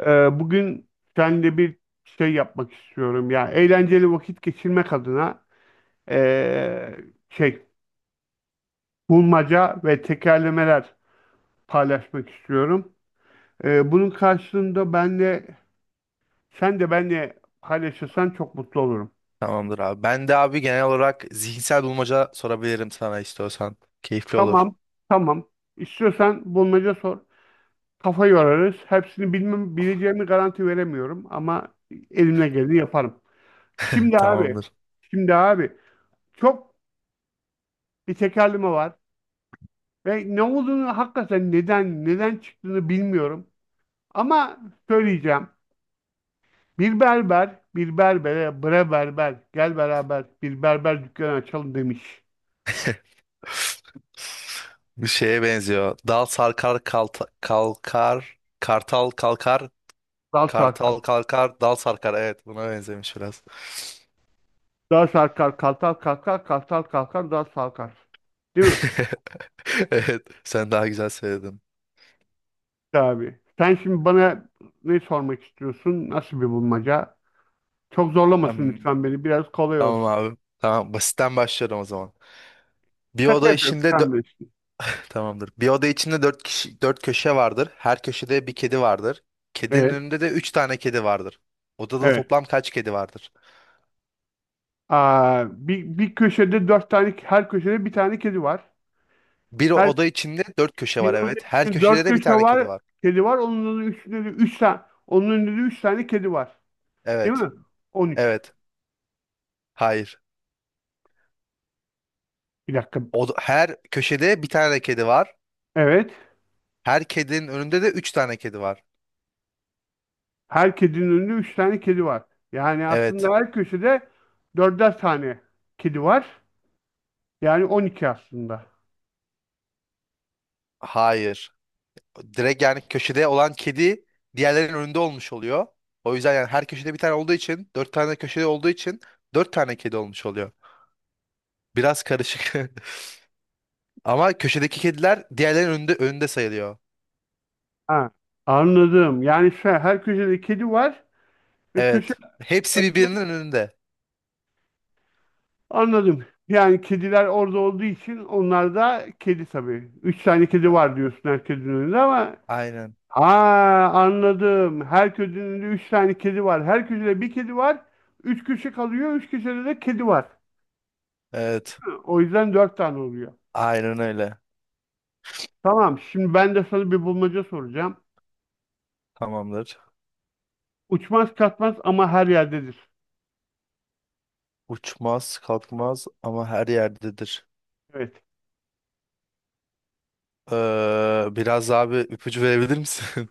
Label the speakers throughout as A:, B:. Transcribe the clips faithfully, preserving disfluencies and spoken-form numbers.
A: Ee, bugün seninle bir şey yapmak istiyorum. Yani eğlenceli vakit geçirmek adına ee, şey bulmaca ve tekerlemeler paylaşmak istiyorum. Ee, bunun karşılığında ben de sen de benle paylaşırsan çok mutlu olurum.
B: Tamamdır abi. Ben de abi genel olarak zihinsel bulmaca sorabilirim sana istiyorsan. Keyifli olur.
A: Tamam, tamam. İstiyorsan bulmaca sor. Kafa yorarız. Hepsini bilmem, bileceğimi garanti veremiyorum ama elimle geleni yaparım. Şimdi abi,
B: Tamamdır.
A: şimdi abi çok bir tekerleme var. Ve ne olduğunu hakikaten neden neden çıktığını bilmiyorum. Ama söyleyeceğim. Bir berber, bir berbere, bre berber, gel beraber bir berber dükkanı açalım demiş.
B: Bir şeye benziyor. Dal sarkar kalta- kalkar, kartal kalkar,
A: Dal sarkar.
B: kartal kalkar, dal sarkar. Evet, buna benzemiş biraz.
A: Dal sarkar, kartal kalkar, kartal kalkar, dal sarkar. Değil mi?
B: Evet, sen daha güzel söyledin.
A: Tabii. Sen şimdi bana ne sormak istiyorsun? Nasıl bir bulmaca? Çok zorlamasın
B: Am-
A: lütfen beni. Biraz kolay
B: Tamam
A: olsun.
B: abi. Tamam, basitten başlıyorum o zaman. Bir
A: Şaka
B: oda
A: yapıyorum.
B: işinde
A: Sen bilirsin.
B: Tamamdır. Bir oda içinde dört kişi, dört köşe vardır. Her köşede bir kedi vardır. Kedinin
A: Evet.
B: önünde de üç tane kedi vardır. Odada
A: Evet.
B: toplam kaç kedi vardır?
A: Aa, bir, bir köşede dört tane, her köşede bir tane kedi var.
B: Bir
A: Her
B: oda içinde dört köşe var,
A: Binonun
B: evet. Her
A: içinde
B: köşede
A: dört
B: de bir
A: köşe
B: tane kedi
A: var,
B: var.
A: kedi var. Onun üstünde de üç tane, onun önünde de üç tane kedi var. Değil
B: Evet.
A: mi? On üç.
B: Evet. Hayır.
A: Bir dakika.
B: Oda, her köşede bir tane kedi var.
A: Evet.
B: Her kedinin önünde de üç tane kedi var.
A: Her kedinin önünde üç tane kedi var. Yani
B: Evet.
A: aslında her köşede dörder tane kedi var. Yani on iki aslında.
B: Hayır. Direkt yani köşede olan kedi diğerlerinin önünde olmuş oluyor. O yüzden yani her köşede bir tane olduğu için, dört tane köşede olduğu için dört tane kedi olmuş oluyor. Biraz karışık. Ama köşedeki kediler diğerlerinin önünde, önünde sayılıyor.
A: Ha, anladım. Yani şu an her köşede kedi var ve köşe
B: Evet. Hepsi birbirinin önünde.
A: anladım. Yani kediler orada olduğu için onlar da kedi tabii. Üç tane kedi
B: A-
A: var diyorsun her kedinin önünde ama.
B: Aynen.
A: Aa, anladım. Her köşede üç tane kedi var. Her köşede bir kedi var. Üç köşe kalıyor. Üç köşede de kedi var.
B: Evet.
A: O yüzden dört tane oluyor.
B: Aynen öyle.
A: Tamam. Şimdi ben de sana bir bulmaca soracağım.
B: Tamamdır.
A: Uçmaz kaçmaz ama her yerdedir.
B: Uçmaz, kalkmaz ama her yerdedir.
A: Evet.
B: Ee, biraz daha bir ipucu verebilir misin?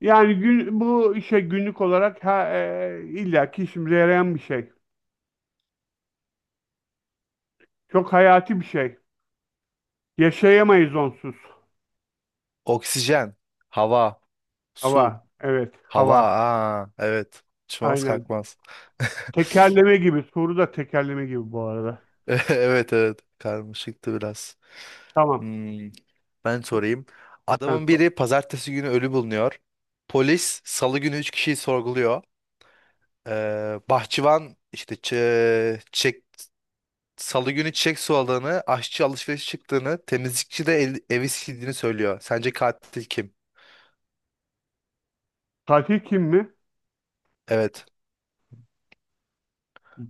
A: Yani gün, bu işe günlük olarak ha, e, illaki işimize yarayan bir şey. Çok hayati bir şey. Yaşayamayız onsuz.
B: Oksijen, hava, su,
A: Hava. Evet.
B: hava.
A: Hava.
B: Aa, evet. Uçmaz,
A: Aynen.
B: kalkmaz.
A: Tekerleme gibi. Soru da tekerleme gibi bu arada.
B: Evet, evet, karmaşıktı biraz.
A: Tamam.
B: Hmm, ben sorayım.
A: Sen
B: Adamın
A: sor.
B: biri pazartesi günü ölü bulunuyor. Polis salı günü üç kişiyi sorguluyor. Ee, bahçıvan işte çe- çek, salı günü çiçek suladığını, aşçı alışveriş çıktığını, temizlikçi de el- evi sildiğini söylüyor. Sence katil kim?
A: Tatil kim mi?
B: Evet.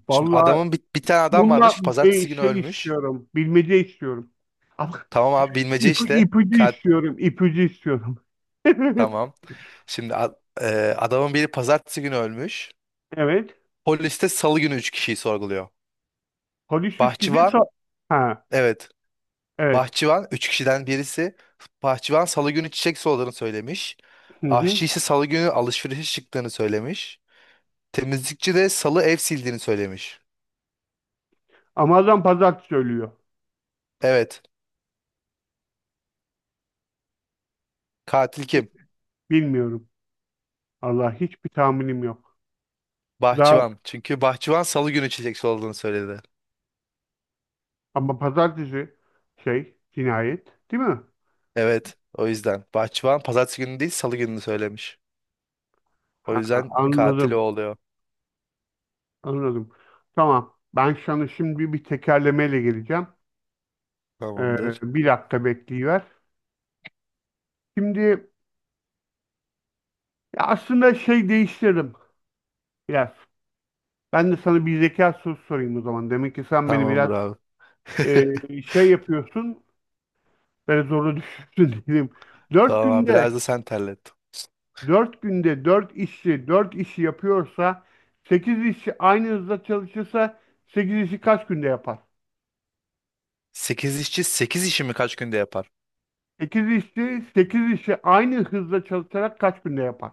B: Şimdi
A: Vallahi
B: adamın bir, bir tane adam
A: bununla
B: varmış.
A: bir
B: Pazartesi günü
A: şey
B: ölmüş.
A: istiyorum. Bilmece istiyorum. Ama
B: Tamam abi bilmece
A: ip,
B: işte.
A: ipucu
B: Kat
A: istiyorum. İpucu istiyorum.
B: tamam. Şimdi a- e, adamın biri pazartesi günü ölmüş.
A: Evet.
B: Polis de salı günü üç kişiyi sorguluyor.
A: Polis üç kişi
B: Bahçıvan,
A: sa-. Ha,
B: evet.
A: evet.
B: Bahçıvan üç kişiden birisi. Bahçıvan salı günü çiçek soladığını söylemiş.
A: Hı hı.
B: Aşçı ise salı günü alışverişe çıktığını söylemiş. Temizlikçi de salı ev sildiğini söylemiş.
A: Ama adam pazartesi ölüyor.
B: Evet. Katil
A: Bi-
B: kim?
A: Bilmiyorum. Allah hiçbir tahminim yok. Daha
B: Bahçıvan. Çünkü bahçıvan salı günü çiçek soladığını söyledi.
A: ama pazartesi şey cinayet değil mi?
B: Evet. O yüzden. Bahçıvan pazartesi günü değil salı gününü söylemiş. O
A: Ha,
B: yüzden katil o
A: anladım.
B: oluyor.
A: Anladım. Tamam. Ben sana şimdi bir tekerlemeyle geleceğim. Ee,
B: Tamamdır.
A: Bir dakika bekleyiver. Şimdi Ya aslında şey değiştirdim biraz. Ben de sana bir zeka sorusu sorayım o zaman. Demek ki sen beni biraz
B: Tamamdır abi.
A: e, şey yapıyorsun, böyle zorla düşürsün diyeyim. Dört
B: Tamam abi.
A: günde,
B: Biraz da sen terlet.
A: dört günde dört işçi, dört işi yapıyorsa, sekiz işçi aynı hızda çalışırsa, sekiz işi kaç günde yapar?
B: Sekiz işçi sekiz işimi kaç günde yapar?
A: Sekiz işçi, sekiz işi aynı hızda çalışarak kaç günde yapar?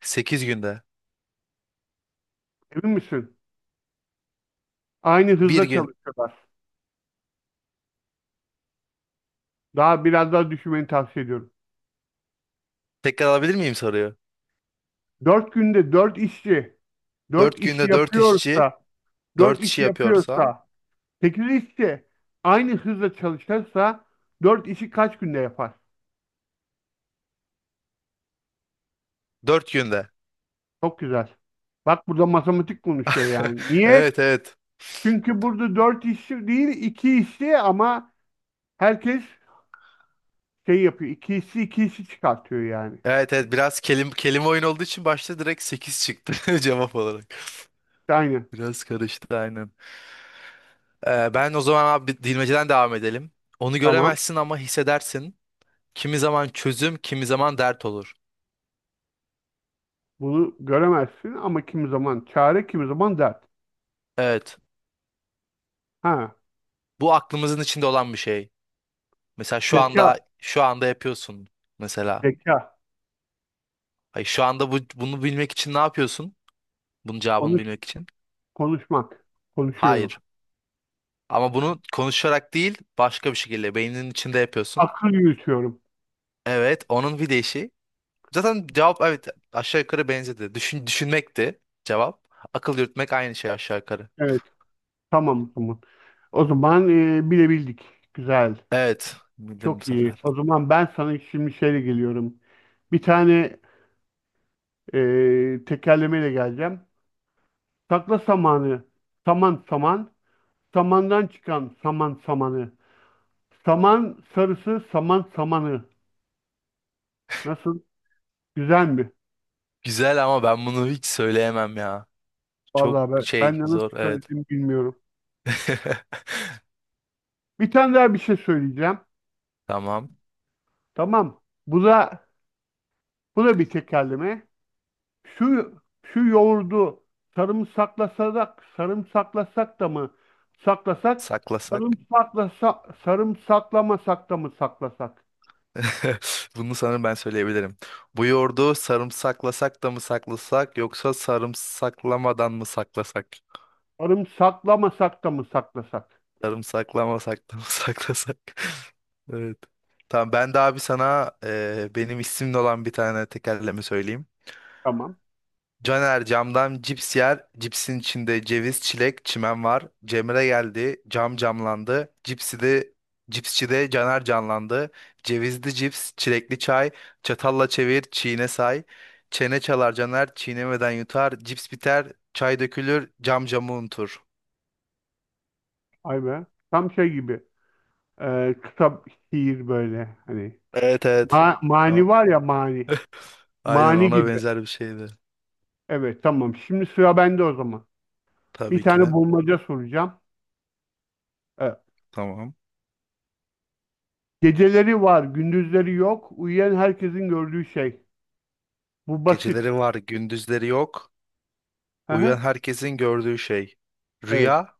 B: Sekiz günde.
A: Emin misin? Aynı
B: Bir
A: hızda
B: gün.
A: çalışıyorlar. Daha biraz daha düşünmeni tavsiye ediyorum.
B: Tekrar alabilir miyim soruyu?
A: Dört günde dört işçi dört
B: Dört
A: işi
B: günde dört işçi
A: yapıyorsa, dört
B: dört işi
A: işi
B: yapıyorsa
A: yapıyorsa, sekiz işi aynı hızla çalışırsa dört işi kaç günde yapar?
B: dört günde.
A: Çok güzel. Bak burada matematik konuşuyor yani. Niye?
B: Evet, evet.
A: Çünkü burada dört işi değil iki işi ama herkes şey yapıyor. İki işi iki işi çıkartıyor yani.
B: Evet, evet, biraz kelim, kelime oyun olduğu için başta direkt sekiz çıktı cevap olarak.
A: İşte aynı.
B: Biraz karıştı aynen. Ee, ben o zaman abi bilmeceden devam edelim. Onu
A: Tamam.
B: göremezsin ama hissedersin. Kimi zaman çözüm, kimi zaman dert olur.
A: Bunu göremezsin ama kimi zaman çare, kimi zaman dert.
B: Evet.
A: Ha.
B: Bu aklımızın içinde olan bir şey. Mesela şu
A: Zeka,
B: anda şu anda yapıyorsun mesela.
A: zeka.
B: Hayır, şu anda bu, bunu bilmek için ne yapıyorsun? Bunun cevabını
A: Konuş,
B: bilmek için.
A: konuşmak. Konuşuyorum.
B: Hayır. Ama bunu konuşarak değil, başka bir şekilde beyninin içinde yapıyorsun.
A: Akıl yürütüyorum.
B: Evet, onun bir değişi. Zaten cevap evet aşağı yukarı benzedi. Düşün, düşünmekti cevap. Akıl yürütmek aynı şey aşağı yukarı.
A: Evet. Tamam tamam. O zaman e, bilebildik. Güzel.
B: Evet, bildim bu
A: Çok iyi.
B: sefer.
A: O zaman ben sana şimdi şeyle geliyorum. Bir tane e, tekerlemeyle geleceğim. Sakla samanı, saman saman, samandan çıkan saman samanı. Saman sarısı, saman samanı. Nasıl? Güzel mi?
B: Güzel ama ben bunu hiç söyleyemem ya. Çok
A: Vallahi ben, ben
B: şey
A: de nasıl
B: zor evet.
A: söylediğimi bilmiyorum. Bir tane daha bir şey söyleyeceğim.
B: Tamam.
A: Tamam. Bu da bu da bir tekerleme. Şu şu yoğurdu sarımsaklasak sarımsaklasak da mı saklasak
B: Saklasak.
A: sarımsaklasa sarımsaklamasak da mı saklasak?
B: Bunu sanırım ben söyleyebilirim. Bu yoğurdu sarımsaklasak da mı saklasak yoksa sarımsaklamadan mı saklasak?
A: Sarımsaklamasak da mı saklasak?
B: Sarımsaklamasak da mı saklasak? Evet. Tamam ben de abi sana e, benim isimli olan bir tane tekerleme söyleyeyim.
A: Tamam.
B: Caner camdan cips yer. Cipsin içinde ceviz, çilek, çimen var. Cemre geldi. Cam camlandı. Cipsi de cipsçi de Caner canlandı. Cevizli cips, çilekli çay. Çatalla çevir, çiğne say. Çene çalar Caner, çiğnemeden yutar. Cips biter, çay dökülür, cam camı unutur.
A: Ay be. Tam şey gibi. E, kısa şiir böyle hani.
B: Evet, evet.
A: Ma-
B: Tamam.
A: mani var ya mani.
B: Aynen
A: Mani
B: ona
A: gibi.
B: benzer bir şeydi.
A: Evet, tamam. Şimdi sıra bende o zaman. Bir
B: Tabii ki
A: tane
B: de.
A: bulmaca soracağım. Evet.
B: Tamam.
A: Geceleri var, gündüzleri yok. Uyuyan herkesin gördüğü şey. Bu basit.
B: Geceleri var, gündüzleri yok. Uyuyan
A: Aha,
B: herkesin gördüğü şey.
A: evet,
B: Rüya,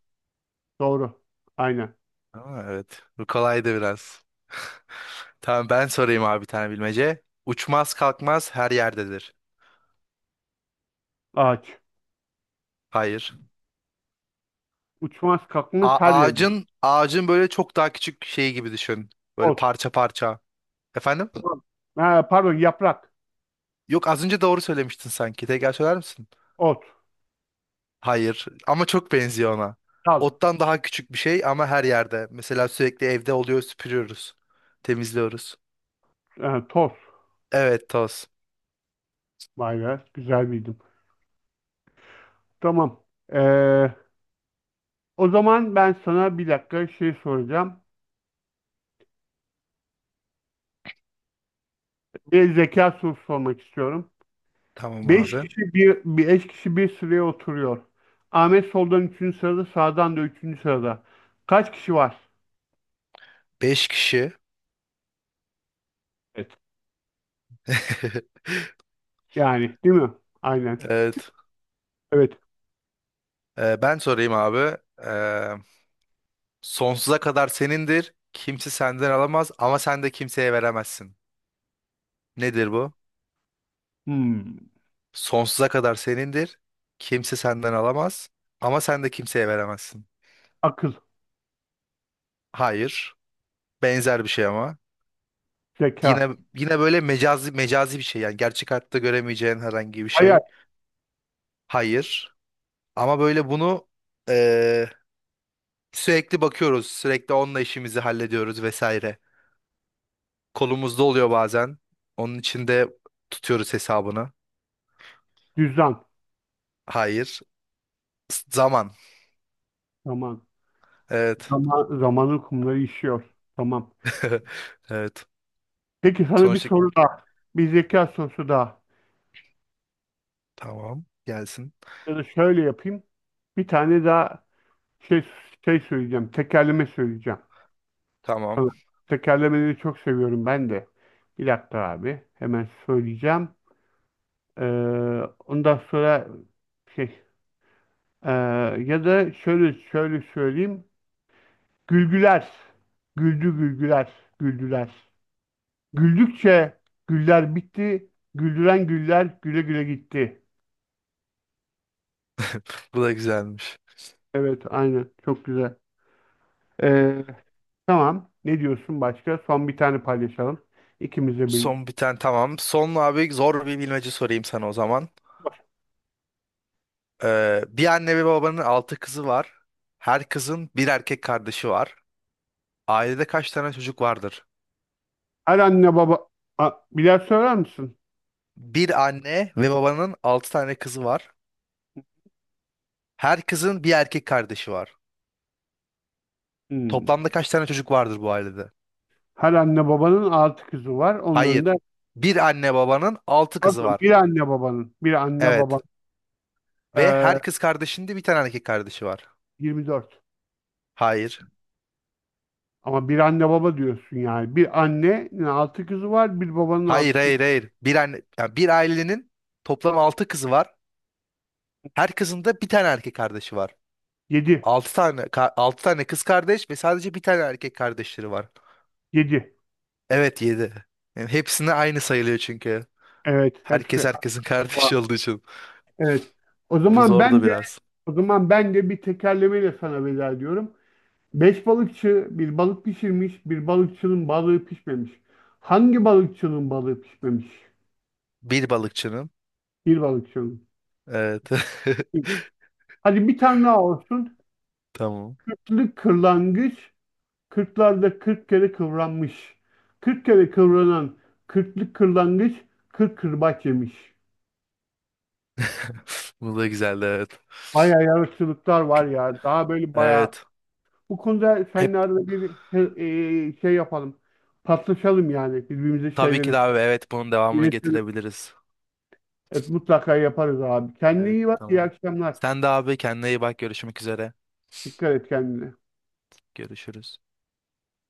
A: doğru. Aynen.
B: aa, evet. Bu kolaydı biraz. Tamam ben sorayım abi bir tane bilmece. Uçmaz kalkmaz her yerdedir.
A: Ağaç.
B: Hayır.
A: Uçmaz kalkmaz
B: A-
A: her yerde.
B: ağacın ağacın böyle çok daha küçük şeyi gibi düşün. Böyle
A: Ot.
B: parça parça. Efendim?
A: Tamam. Ha, pardon, yaprak.
B: Yok az önce doğru söylemiştin sanki. Tekrar söyler misin?
A: Ot.
B: Hayır. Ama çok benziyor ona.
A: Dal.
B: Ottan daha küçük bir şey ama her yerde. Mesela sürekli evde oluyor, süpürüyoruz. Temizliyoruz.
A: Ha, toz.
B: Evet, toz.
A: Vay be, güzel bildim. Tamam. Ee, O zaman ben sana bir dakika şey soracağım. Bir zeka sorusu sormak istiyorum.
B: Tamam
A: Beş
B: abi.
A: kişi bir, beş kişi bir sıraya oturuyor. Ahmet soldan üçüncü sırada, sağdan da üçüncü sırada. Kaç kişi var?
B: Beş kişi.
A: Evet. Yani, değil mi? Aynen.
B: Evet.
A: Evet.
B: Ee, ben sorayım abi. Ee, sonsuza kadar senindir. Kimse senden alamaz ama sen de kimseye veremezsin. Nedir bu?
A: Hmm.
B: Sonsuza kadar senindir. Kimse senden alamaz ama sen de kimseye veremezsin.
A: Akıl,
B: Hayır. Benzer bir şey ama. Yine
A: zeka,
B: yine böyle mecazi mecazi bir şey, yani gerçek hayatta göremeyeceğin herhangi bir
A: hayal,
B: şey. Hayır. Ama böyle bunu eee, sürekli bakıyoruz. Sürekli onunla işimizi hallediyoruz vesaire. Kolumuzda oluyor bazen. Onun için de tutuyoruz hesabını.
A: düzen.
B: Hayır. S- Zaman.
A: Zaman,
B: Evet.
A: zaman, zamanın kumları işiyor. Tamam.
B: Evet.
A: Peki sana bir
B: Sonuçta
A: soru daha. Bir zeka sorusu daha.
B: tamam. Gelsin.
A: Ya da şöyle yapayım. Bir tane daha şey şey söyleyeceğim. Tekerleme söyleyeceğim.
B: Tamam.
A: Sana. Tekerlemeleri çok seviyorum ben de. Bir dakika abi. Hemen söyleyeceğim. Ee, ondan sonra şey ee, ya da şöyle şöyle söyleyeyim. Gülgüler. Güldü gülgüler. Güldüler. Güldükçe güller bitti. Güldüren güller güle güle gitti.
B: Bu da güzelmiş.
A: Evet, aynen. Çok güzel. Ee, tamam. Ne diyorsun başka? Son bir tane paylaşalım. İkimize bir.
B: Son bir tane tamam. Son abi zor bir bilmece sorayım sana o zaman. Ee, bir anne ve babanın altı kızı var. Her kızın bir erkek kardeşi var. Ailede kaç tane çocuk vardır?
A: Her anne baba... A, birer söyler misin?
B: Bir anne ve babanın altı tane kızı var. Her kızın bir erkek kardeşi var.
A: Hmm.
B: Toplamda kaç tane çocuk vardır bu ailede?
A: Her anne babanın altı kızı var. Onların da...
B: Hayır. Bir anne babanın altı kızı
A: Pardon,
B: var.
A: bir anne babanın. Bir anne
B: Evet.
A: baba.
B: Ve her
A: Ee,
B: kız kardeşinde bir tane erkek kardeşi var.
A: yirmi dört.
B: Hayır.
A: Ama bir anne baba diyorsun yani. Bir annenin altı kızı var. Bir babanın
B: Hayır,
A: altı kızı.
B: hayır, hayır. Bir anne, yani bir ailenin toplam altı kızı var. Her kızın da bir tane erkek kardeşi var.
A: Yedi.
B: Altı tane, ka- altı tane kız kardeş ve sadece bir tane erkek kardeşleri var.
A: Yedi.
B: Evet, yedi. Yani hepsine aynı sayılıyor çünkü.
A: Evet,
B: Herkes
A: hepsi.
B: herkesin kardeşi olduğu için.
A: Evet. O
B: Bu
A: zaman
B: zordu
A: ben de
B: biraz.
A: o zaman ben de bir tekerlemeyle sana veda ediyorum. Beş balıkçı bir balık pişirmiş, bir balıkçının balığı pişmemiş. Hangi balıkçının balığı pişmemiş?
B: Bir balıkçının.
A: Bir balıkçının.
B: Evet.
A: Hadi bir tane daha olsun.
B: Tamam.
A: Kırklı kırlangıç, kırklarda kırk kere kıvranmış. Kırk kere kıvranan kırklı kırlangıç, kırk kırbaç yemiş.
B: Bu da güzeldi, evet.
A: Bayağı yaratıcılıklar var ya. Daha böyle bayağı.
B: Evet.
A: Bu konuda
B: Hep
A: seninle arada bir he- e, şey yapalım. Paslaşalım yani birbirimize
B: tabii ki
A: şeyleri
B: de abi, evet, bunun devamını
A: iletelim.
B: getirebiliriz.
A: Evet, mutlaka yaparız abi. Kendine
B: Evet,
A: iyi bak. İyi
B: tamam.
A: akşamlar.
B: Sen de abi kendine iyi bak, görüşmek üzere.
A: Dikkat et kendine.
B: Görüşürüz.